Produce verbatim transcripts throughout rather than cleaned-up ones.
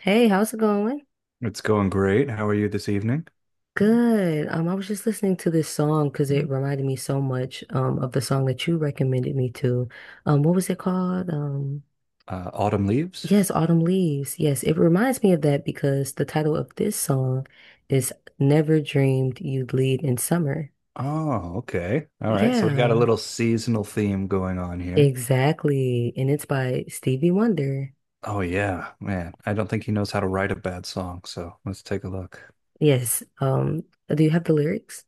Hey, how's it going? It's going great. How are you this evening? Good. Um, I was just listening to this song because it reminded me so much um of the song that you recommended me to. Um, what was it called? Um, Uh, autumn Leaves? Yes, Autumn Leaves. Yes, it reminds me of that because the title of this song is Never Dreamed You'd Lead in Summer. Oh, okay. All right. So we got a Yeah, little seasonal theme going on here. exactly. And it's by Stevie Wonder. Oh, yeah, man. I don't think he knows how to write a bad song. So let's take a look. Yes. Um, do you have the lyrics?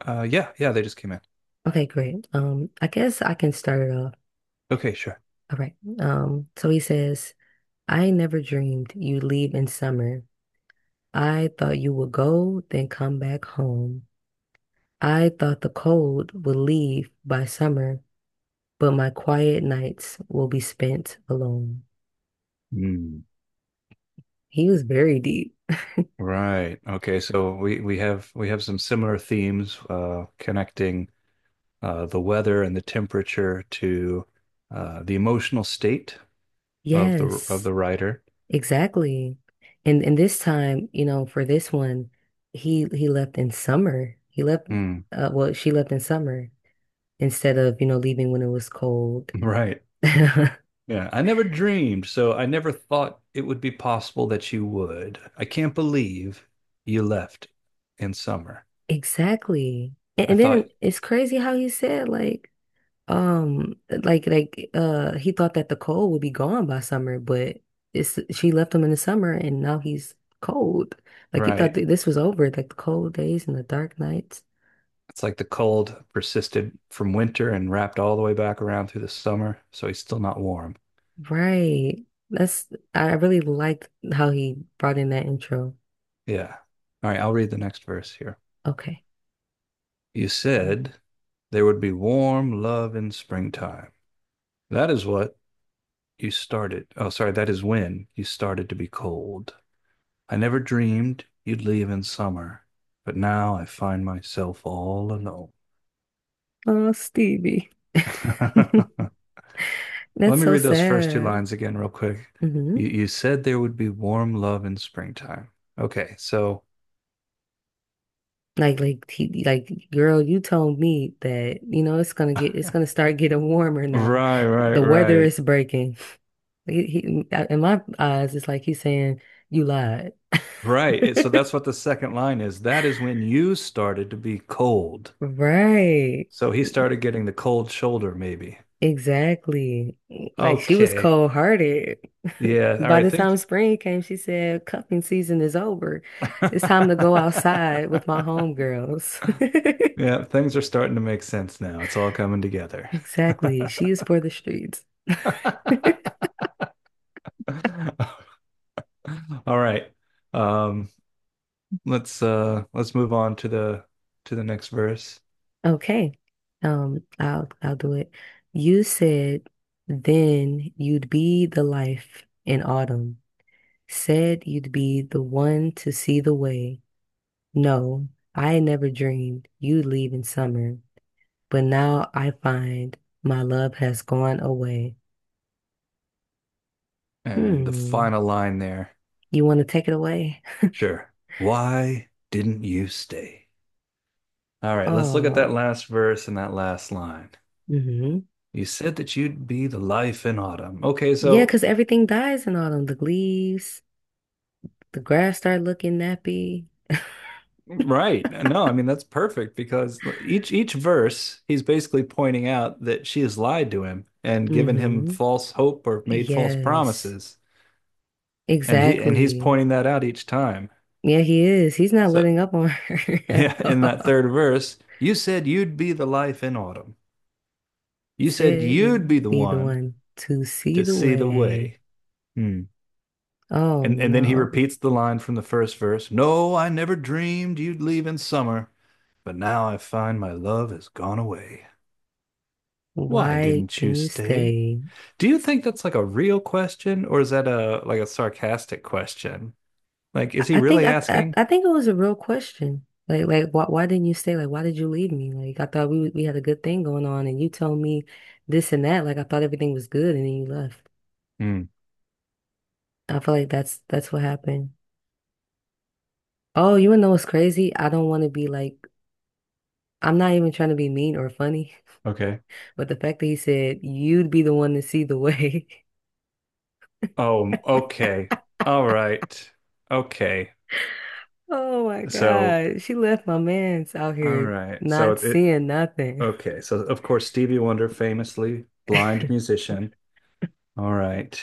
Uh, yeah, yeah, they just came in. Okay, great. Um, I guess I can start it off. Okay, sure. All right. Um, so he says. I never dreamed you'd leave in summer. I thought you would go, then come back home. I thought the cold would leave by summer, but my quiet nights will be spent alone. Hmm. He was very deep. Right. Okay. So we we have we have some similar themes uh, connecting uh, the weather and the temperature to uh, the emotional state of the of Yes, the writer. exactly. And and this time, you know, for this one, he he left in summer. He left, Hmm. uh, well, she left in summer instead of, you know, leaving when it was cold. Right. Yeah, I never dreamed, so I never thought it would be possible that you would. I can't believe you left in summer. Exactly. And, I and then thought, it's crazy how he said like um like like uh he thought that the cold would be gone by summer, but it's she left him in the summer and now he's cold. Like he thought right, that this was over, like the cold days and the dark nights. it's like the cold persisted from winter and wrapped all the way back around through the summer, so he's still not warm. Right. That's I really liked how he brought in that intro. Yeah. All right, I'll read the next verse here. Okay. You said there would be warm love in springtime. That is what you started. Oh, sorry, that is when you started to be cold. I never dreamed you'd leave in summer, but now I find myself all alone. Oh, Stevie. Let That's me so read those first two sad. lines again, real quick. You, Mhm. you said there would be warm love in springtime. Okay, so Like, like, he, like, girl, you told me that, you know, it's gonna get, right, it's gonna start getting warmer now. right, The weather right, is breaking. He, he, in my eyes, it's like he's saying, you lied. right. It- so that's what the second line is. That is when you started to be cold. Right. So he started getting the cold shoulder, maybe. Exactly. Like, she was Okay. cold-hearted. Yeah. All By right. the Thanks. time spring came, she said, cuffing season is over. It's time to go outside with my homegirls. Yeah, things are starting to make sense now. It's all coming together. Exactly. She is for the streets. All right. Um, let's uh let's move on to the to the next verse Okay. Um, I'll I'll do it. You said then you'd be the life in autumn. Said you'd be the one to see the way. No, I never dreamed you'd leave in summer, but now I find my love has gone away. and the Hmm. final line there. You want to take it away? Sure. Why didn't you stay? All right, let's look at Oh, that last verse and that last line. mm-hmm. You said that you'd be the life in autumn. Okay, Yeah, so because everything dies in autumn. The leaves, the grass start looking nappy. right. No, I mean that's perfect because each each verse he's basically pointing out that she has lied to him and given him Mm-hmm. false hope or made false Yes. promises. And he and he's Exactly. pointing that out each time. Yeah, he is. He's not So, letting up on her at yeah, in that all. third verse, you said you'd be the life in autumn. You said Said you'd you be the be the one one to see to the see the way. way. Hmm. Oh And and then he no. repeats the line from the first verse, "No, I never dreamed you'd leave in summer, but now I find my love has gone away." Why Why didn't you didn't you stay? stay? Do you think that's like a real question or is that a like a sarcastic question? Like, I is he I think really I, I asking? I think it was a real question. Like like why why didn't you stay? Like why did you leave me? Like I thought we we had a good thing going on and you told me this and that. Like I thought everything was good and then you left. Hmm. I feel like that's that's what happened. Oh, you wanna know what's crazy? I don't want to be like I'm not even trying to be mean or funny. Okay. But the fact that he said you'd be the one to see the way. Oh, okay. All right. Okay. Oh my So, God. She left my man's out all here right. So not it, it seeing nothing. okay. So of course Stevie Wonder, famously blind musician. All right.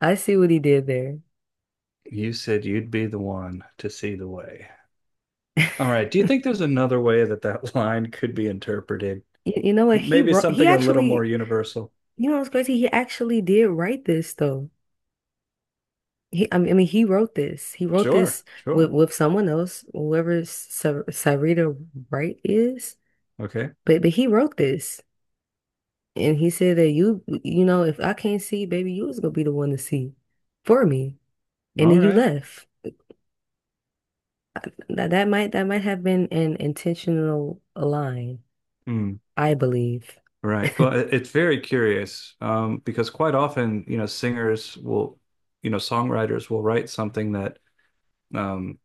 I see what he did there. You said you'd be the one to see the way. All right. Do you think there's another way that that line could be interpreted? You, you know what? He Maybe wrote, he something a little more actually, universal? you know what's crazy? He actually did write this though. He, I mean, I mean, He wrote this. He wrote Sure, this with sure. with someone else, whoever Sa- Sarita Wright is. Okay. But but he wrote this, and he said that you, you know, if I can't see, baby, you was gonna be the one to see for me. And All then you right. left. Uh, That, that might that might have been an intentional line, Hmm. I believe. Right. Well, it- it's very curious um, because quite often, you know, singers will, you know, songwriters will write something that um,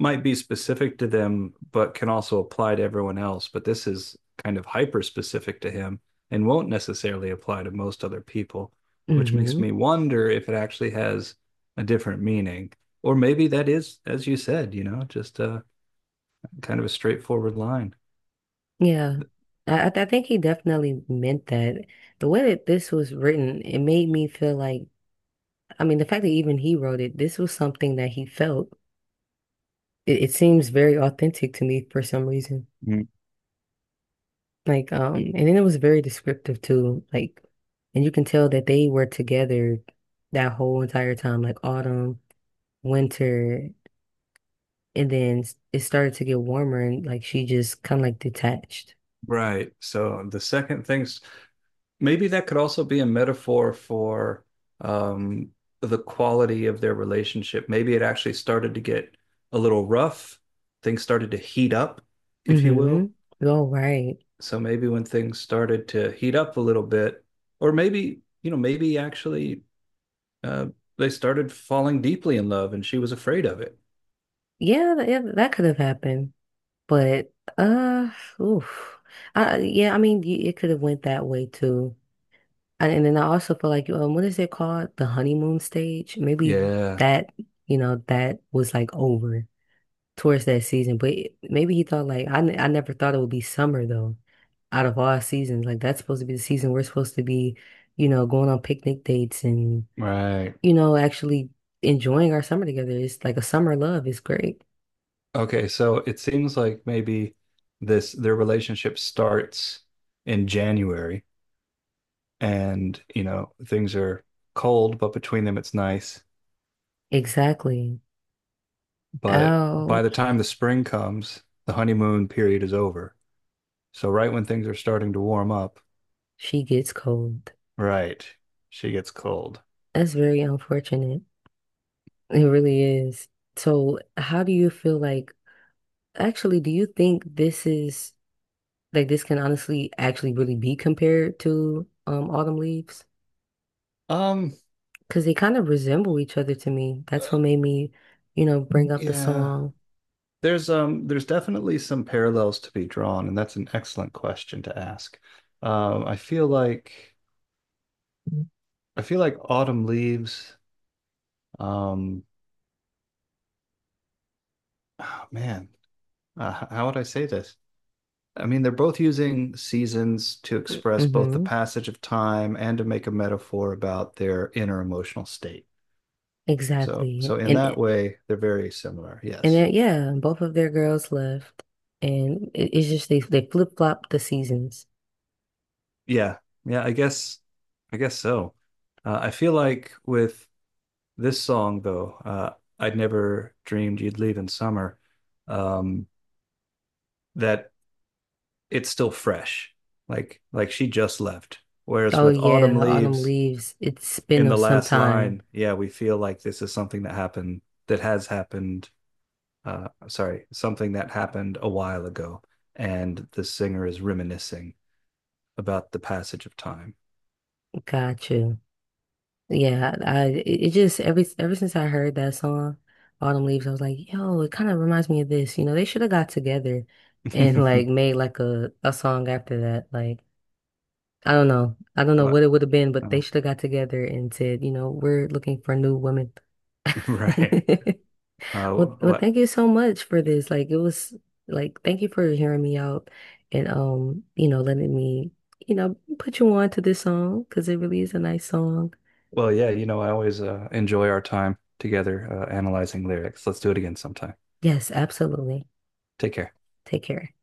might be specific to them, but can also apply to everyone else. But this is kind of hyper specific to him and won't necessarily apply to most other people, which makes me hmm wonder if it actually has a different meaning. Or maybe that is, as you said, you know, just uh, kind of a straightforward line. Yeah. Th- I, I th- I think he definitely meant that. The way that this was written, it made me feel like, I mean, the fact that even he wrote it, this was something that he felt. It, it seems very authentic to me for some reason. Mm. Like, um, and then it was very descriptive too. Like, and you can tell that they were together that whole entire time, like autumn, winter. And then it started to get warmer and like she just kind of like detached. Right. So the second thing's maybe that could also be a metaphor for um, the quality of their relationship. Maybe it actually started to get a little rough. Things started to heat up, if you will. Mm-hmm. All right. So maybe when things started to heat up a little bit, or maybe, you know, maybe actually uh, they started falling deeply in love and she was afraid of it. Yeah, th- yeah, that could have happened. But uh oof. I Yeah, I mean y- it could have went that way too. And and then I also feel like um what is it called? The honeymoon stage? Maybe Yeah. that, you know, that was like over towards that season. But maybe he thought like I, ne- I never thought it would be summer though. Out of all seasons, like that's supposed to be the season we're supposed to be, you know, going on picnic dates and Right. you know actually enjoying our summer together. It's like a summer love. It's great. Okay, so it seems like maybe this their relationship starts in January and, you know, things are cold, but between them it's nice. Exactly. But by the Ouch. time the spring comes, the honeymoon period is over. So right when things are starting to warm up, She gets cold. right, she gets cold. That's very unfortunate. It really is. So, how do you feel like actually, do you think this is like this can honestly actually really be compared to um Autumn Leaves? Um, Because they kind of resemble each other to me. That's uh, what made me, you know, bring up the yeah. song. There's um there's definitely some parallels to be drawn, and that's an excellent question to ask. Um, I feel like I feel like autumn leaves, um, oh, man, uh, how would I say this? I mean, they're both using seasons to express both the Mm-hmm. passage of time and to make a metaphor about their inner emotional state. So, Exactly. so in And that it- way, they're very similar. and Yes. then, yeah, both of their girls left, and it, it's just they they flip flop the seasons. Yeah, yeah, I guess, I guess so. Uh, I feel like with this song though, uh, I'd never dreamed you'd leave in summer, um, that it's still fresh, like like she just left. Whereas Oh with autumn yeah, autumn leaves leaves. It's in been the some last time. line, yeah, we feel like this is something that happened that has happened. Uh, sorry, something that happened a while ago, and the singer is reminiscing about the passage of time. Gotcha. Yeah, I, I it it Just every ever since I heard that song, Autumn Leaves, I was like, yo, it kind of reminds me of this. You know, they should have got together and like made like a a song after that. Like. I don't know. I don't know But what it would have been, but they uh, should have got together and said, you know, we're looking for new women. right. Uh, Well, well, what? Thank you so much for this. Like, it was like, thank you for hearing me out and, um, you know, letting me, you know, put you on to this song because it really is a nice song. Well, yeah, you know, I always uh, enjoy our time together uh, analyzing lyrics. Let's do it again sometime. Yes, absolutely. Take care. Take care.